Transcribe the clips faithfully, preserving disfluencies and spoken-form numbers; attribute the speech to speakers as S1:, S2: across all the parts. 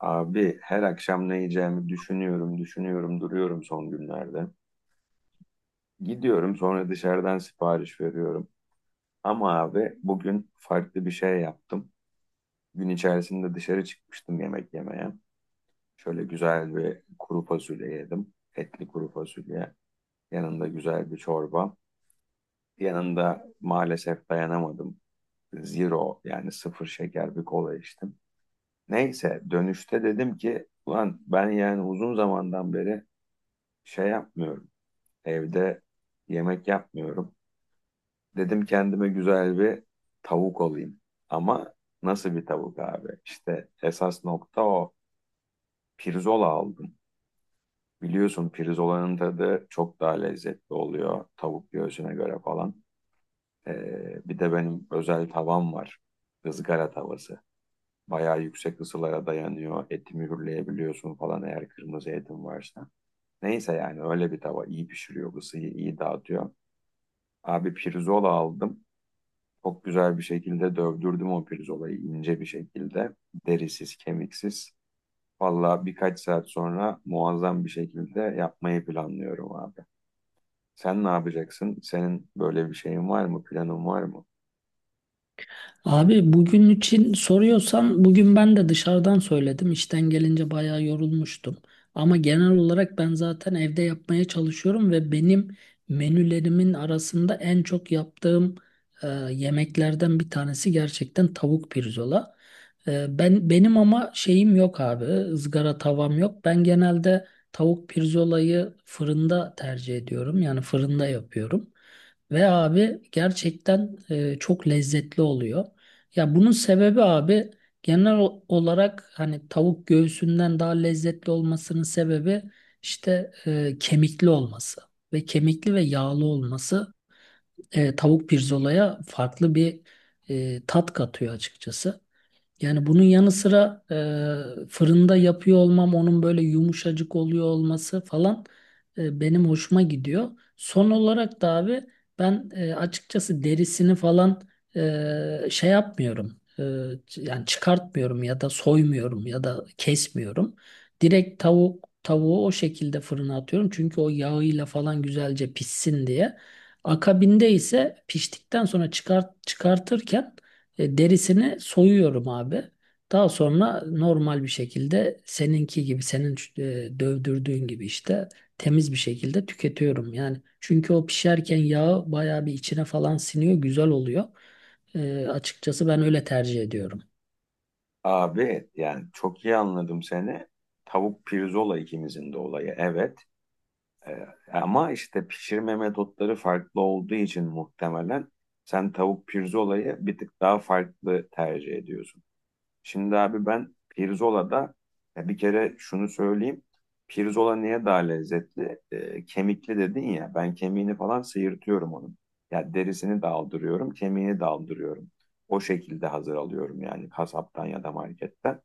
S1: Abi her akşam ne yiyeceğimi düşünüyorum, düşünüyorum, duruyorum son günlerde. Gidiyorum sonra dışarıdan sipariş veriyorum. Ama abi bugün farklı bir şey yaptım. Gün içerisinde dışarı çıkmıştım yemek yemeye. Şöyle güzel bir kuru fasulye yedim. Etli kuru fasulye. Yanında güzel bir çorba. Yanında maalesef dayanamadım. Zero yani sıfır şeker bir kola içtim. Neyse dönüşte dedim ki ulan ben yani uzun zamandan beri şey yapmıyorum. Evde yemek yapmıyorum. Dedim kendime güzel bir tavuk alayım. Ama nasıl bir tavuk abi? İşte esas nokta o. Pirzola aldım. Biliyorsun pirzolanın tadı çok daha lezzetli oluyor tavuk göğsüne göre falan. Ee, bir de benim özel tavam var. Izgara tavası. Bayağı yüksek ısılara dayanıyor. Eti mühürleyebiliyorsun falan eğer kırmızı etin varsa. Neyse yani öyle bir tava iyi pişiriyor, ısıyı iyi dağıtıyor. Abi pirzola aldım. Çok güzel bir şekilde dövdürdüm o pirzolayı ince bir şekilde. Derisiz, kemiksiz. Valla birkaç saat sonra muazzam bir şekilde yapmayı planlıyorum abi. Sen ne yapacaksın? Senin böyle bir şeyin var mı? Planın var mı?
S2: Abi bugün için soruyorsan bugün ben de dışarıdan söyledim. İşten gelince bayağı yorulmuştum. Ama genel olarak ben zaten evde yapmaya çalışıyorum ve benim menülerimin arasında en çok yaptığım e, yemeklerden bir tanesi gerçekten tavuk pirzola. E, ben benim ama şeyim yok abi. Izgara tavam yok. Ben genelde tavuk pirzolayı fırında tercih ediyorum. Yani fırında yapıyorum. Ve abi gerçekten e, çok lezzetli oluyor. Ya bunun sebebi abi genel o- olarak hani tavuk göğsünden daha lezzetli olmasının sebebi işte e, kemikli olması ve kemikli ve yağlı olması e, tavuk pirzolaya farklı bir e, tat katıyor açıkçası. Yani bunun yanı sıra e, fırında yapıyor olmam, onun böyle yumuşacık oluyor olması falan e, benim hoşuma gidiyor. Son olarak da abi ben e, açıkçası derisini falan e, şey yapmıyorum. E, ç- yani çıkartmıyorum ya da soymuyorum ya da kesmiyorum. Direkt tavuk tavuğu o şekilde fırına atıyorum. Çünkü o yağıyla falan güzelce pişsin diye. Akabinde ise piştikten sonra çıkart, çıkartırken e, derisini soyuyorum abi. Daha sonra normal bir şekilde seninki gibi, senin e, dövdürdüğün gibi işte temiz bir şekilde tüketiyorum. Yani çünkü o pişerken yağı bayağı bir içine falan siniyor, güzel oluyor. E, açıkçası ben öyle tercih ediyorum.
S1: Abi yani çok iyi anladım seni. Tavuk pirzola ikimizin de olayı evet. Ee, Ama işte pişirme metotları farklı olduğu için muhtemelen sen tavuk pirzolayı bir tık daha farklı tercih ediyorsun. Şimdi abi ben Pirzola'da ya bir kere şunu söyleyeyim. Pirzola niye daha lezzetli? Ee, kemikli dedin ya. Ben kemiğini falan sıyırtıyorum onun. Ya derisini de aldırıyorum, kemiğini de aldırıyorum. O şekilde hazır alıyorum yani kasaptan ya da marketten.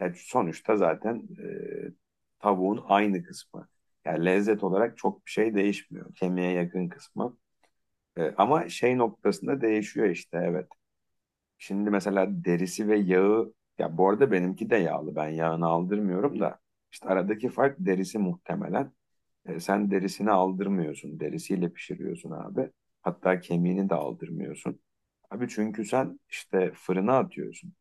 S1: Ya sonuçta zaten e, tavuğun aynı kısmı. Yani lezzet olarak çok bir şey değişmiyor. Kemiğe yakın kısmı. E, ama şey noktasında değişiyor işte evet. Şimdi mesela derisi ve yağı ya bu arada benimki de yağlı ben yağını aldırmıyorum da işte aradaki fark derisi muhtemelen. E, sen derisini aldırmıyorsun derisiyle pişiriyorsun abi. Hatta kemiğini de aldırmıyorsun. Abi çünkü sen işte fırına atıyorsun.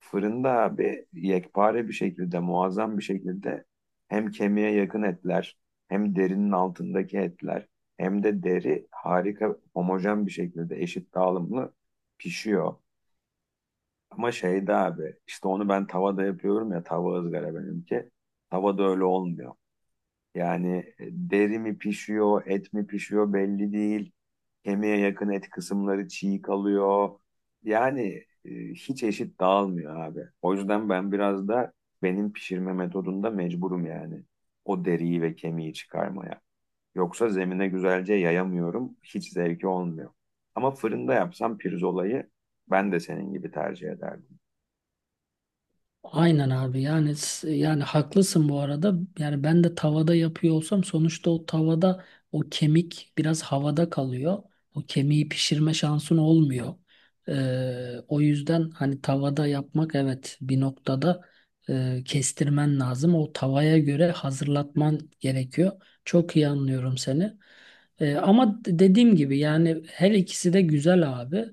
S1: Fırında abi yekpare bir şekilde muazzam bir şekilde hem kemiğe yakın etler hem derinin altındaki etler hem de deri harika homojen bir şekilde eşit dağılımlı pişiyor. Ama şeyde abi işte onu ben tavada yapıyorum ya tava ızgara benimki. Tavada öyle olmuyor. Yani e, deri mi pişiyor, et mi pişiyor belli değil. Kemiğe yakın et kısımları çiğ kalıyor. Yani e, hiç eşit dağılmıyor abi. O yüzden ben biraz da benim pişirme metodunda mecburum yani. O deriyi ve kemiği çıkarmaya. Yoksa zemine güzelce yayamıyorum. Hiç zevki olmuyor. Ama fırında yapsam pirzolayı ben de senin gibi tercih ederdim.
S2: Aynen abi yani s- yani haklısın bu arada. Yani ben de tavada yapıyor olsam sonuçta o tavada o kemik biraz havada kalıyor. O kemiği pişirme şansın olmuyor. Ee, o yüzden hani tavada yapmak evet bir noktada e, kestirmen lazım. O tavaya göre hazırlatman gerekiyor. Çok iyi anlıyorum seni. Ee, ama d- dediğim gibi yani her ikisi de güzel abi.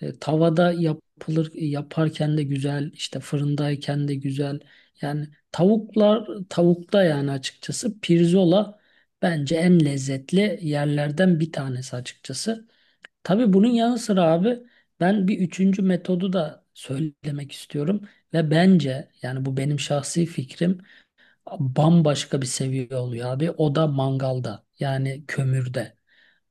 S2: E, tavada yapılır yaparken de güzel, işte fırındayken de güzel. Yani tavuklar tavukta yani açıkçası pirzola bence en lezzetli yerlerden bir tanesi açıkçası. Tabii bunun yanı sıra abi ben bir üçüncü metodu da söylemek istiyorum ve bence yani bu benim şahsi fikrim bambaşka bir seviye oluyor abi. O da mangalda yani kömürde.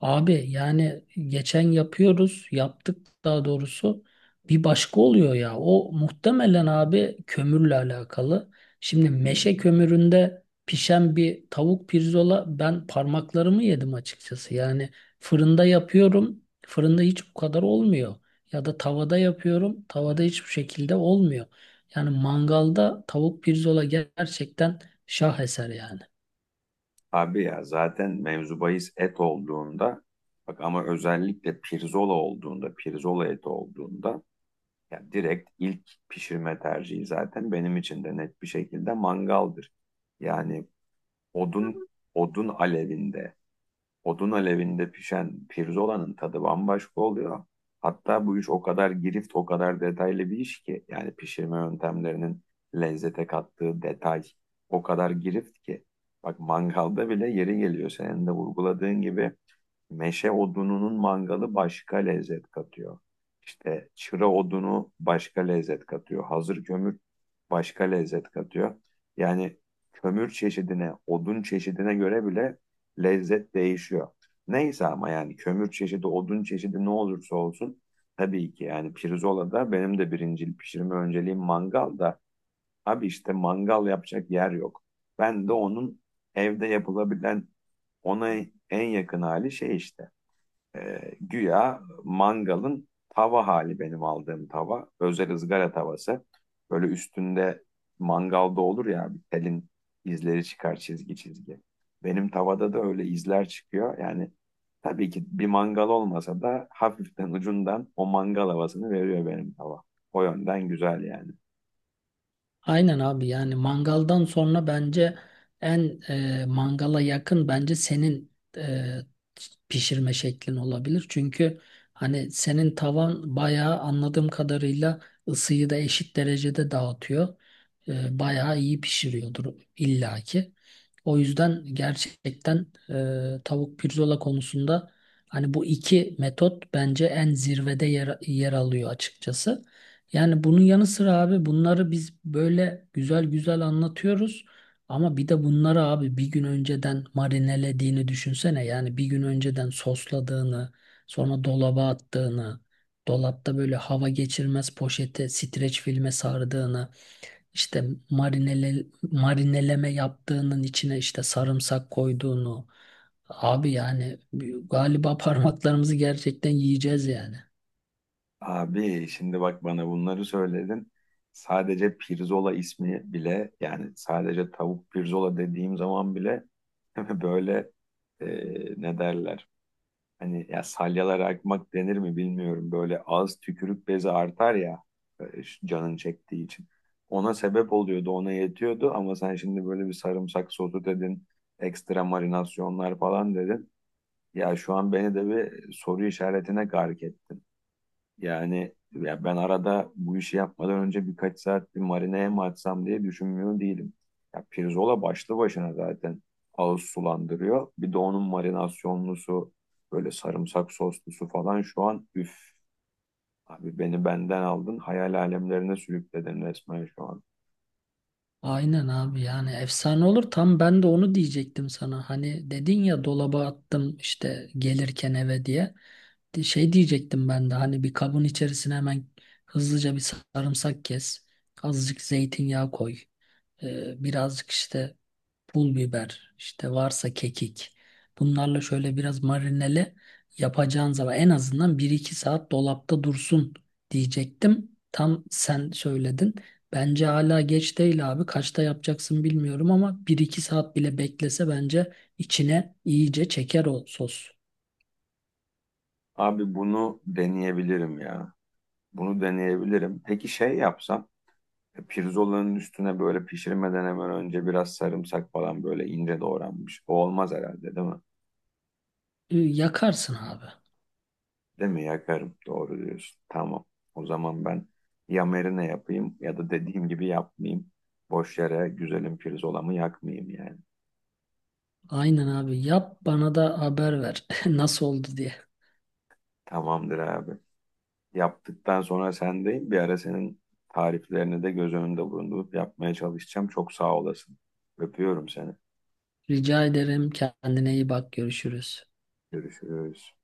S2: Abi yani geçen yapıyoruz, yaptık daha doğrusu. Bir başka oluyor ya. O muhtemelen abi kömürle alakalı. Şimdi meşe kömüründe pişen bir tavuk pirzola ben parmaklarımı yedim açıkçası. Yani fırında yapıyorum. Fırında hiç bu kadar olmuyor. Ya da tavada yapıyorum. Tavada hiçbir şekilde olmuyor. Yani mangalda tavuk pirzola gerçekten şaheser yani.
S1: Abi ya zaten mevzu bahis et olduğunda bak ama özellikle pirzola olduğunda pirzola eti olduğunda ya direkt ilk pişirme tercihi zaten benim için de net bir şekilde mangaldır. Yani odun odun alevinde odun alevinde pişen pirzolanın tadı bambaşka oluyor. Hatta bu iş o kadar girift, o kadar detaylı bir iş ki yani pişirme yöntemlerinin lezzete kattığı detay o kadar girift ki. Bak mangalda bile yeri geliyor. Senin de vurguladığın gibi meşe odununun mangalı başka lezzet katıyor. İşte çıra odunu başka lezzet katıyor. Hazır kömür başka lezzet katıyor. Yani kömür çeşidine, odun çeşidine göre bile lezzet değişiyor. Neyse ama yani kömür çeşidi, odun çeşidi ne olursa olsun tabii ki yani pirzolada benim de birincil pişirme önceliğim mangal da abi işte mangal yapacak yer yok. Ben de onun evde yapılabilen ona en yakın hali şey işte. E, güya mangalın tava hali benim aldığım tava. Özel ızgara tavası. Böyle üstünde mangalda olur ya bir telin izleri çıkar çizgi çizgi. Benim tavada da öyle izler çıkıyor. Yani tabii ki bir mangal olmasa da hafiften ucundan o mangal havasını veriyor benim tava. O yönden güzel yani.
S2: Aynen abi yani mangaldan sonra bence en e, mangala yakın bence senin e, pişirme şeklin olabilir. Çünkü hani senin tavan bayağı anladığım kadarıyla ısıyı da eşit derecede dağıtıyor. E, bayağı iyi pişiriyordur illaki. O yüzden gerçekten e, tavuk pirzola konusunda hani bu iki metot bence en zirvede yer, yer alıyor açıkçası. Yani bunun yanı sıra abi bunları biz böyle güzel güzel anlatıyoruz. Ama bir de bunları abi bir gün önceden marinelediğini düşünsene. Yani bir gün önceden sosladığını, sonra dolaba attığını, dolapta böyle hava geçirmez poşete, streç filme sardığını, işte marinele, marineleme yaptığının içine işte sarımsak koyduğunu. Abi yani galiba parmaklarımızı gerçekten yiyeceğiz yani.
S1: Abi şimdi bak bana bunları söyledin. Sadece pirzola ismi bile yani sadece tavuk pirzola dediğim zaman bile böyle e, ne derler? Hani ya salyalar akmak denir mi bilmiyorum. Böyle ağız tükürük bezi artar ya e, şu canın çektiği için. Ona sebep oluyordu, ona yetiyordu ama sen şimdi böyle bir sarımsak sosu dedin, ekstra marinasyonlar falan dedin. Ya şu an beni de bir soru işaretine gark ettin. Yani ya ben arada bu işi yapmadan önce birkaç saat bir marineye mi atsam diye düşünmüyor değilim. Ya pirzola başlı başına zaten ağız sulandırıyor. Bir de onun marinasyonlusu böyle sarımsak soslusu falan şu an üf. Abi beni benden aldın hayal alemlerine sürükledin resmen şu an.
S2: Aynen abi yani efsane olur. Tam ben de onu diyecektim sana. Hani dedin ya dolaba attım işte gelirken eve diye. Di- Şey diyecektim ben de hani bir kabın içerisine hemen hızlıca bir sarımsak kes. Azıcık zeytinyağı koy. Ee, birazcık işte pul biber, işte varsa kekik. Bunlarla şöyle biraz marinele yapacağın zaman en azından bir iki saat dolapta dursun diyecektim. Tam sen söyledin. Bence hala geç değil abi. Kaçta yapacaksın bilmiyorum ama bir iki saat bile beklese bence içine iyice çeker o sos.
S1: Abi bunu deneyebilirim ya. Bunu deneyebilirim. Peki şey yapsam e, pirzolanın üstüne böyle pişirmeden hemen önce biraz sarımsak falan böyle ince doğranmış. O olmaz herhalde değil mi?
S2: Ü, Yakarsın abi.
S1: Değil mi? Yakarım. Doğru diyorsun. Tamam. O zaman ben ya marine yapayım ya da dediğim gibi yapmayayım. Boş yere güzelim pirzolamı yakmayayım yani.
S2: Aynen abi. Yap bana da haber ver nasıl oldu diye.
S1: Tamamdır abi. Yaptıktan sonra sendeyim. Bir ara senin tariflerini de göz önünde bulundurup yapmaya çalışacağım. Çok sağ olasın. Öpüyorum seni.
S2: Rica ederim. Kendine iyi bak. Görüşürüz.
S1: Görüşürüz.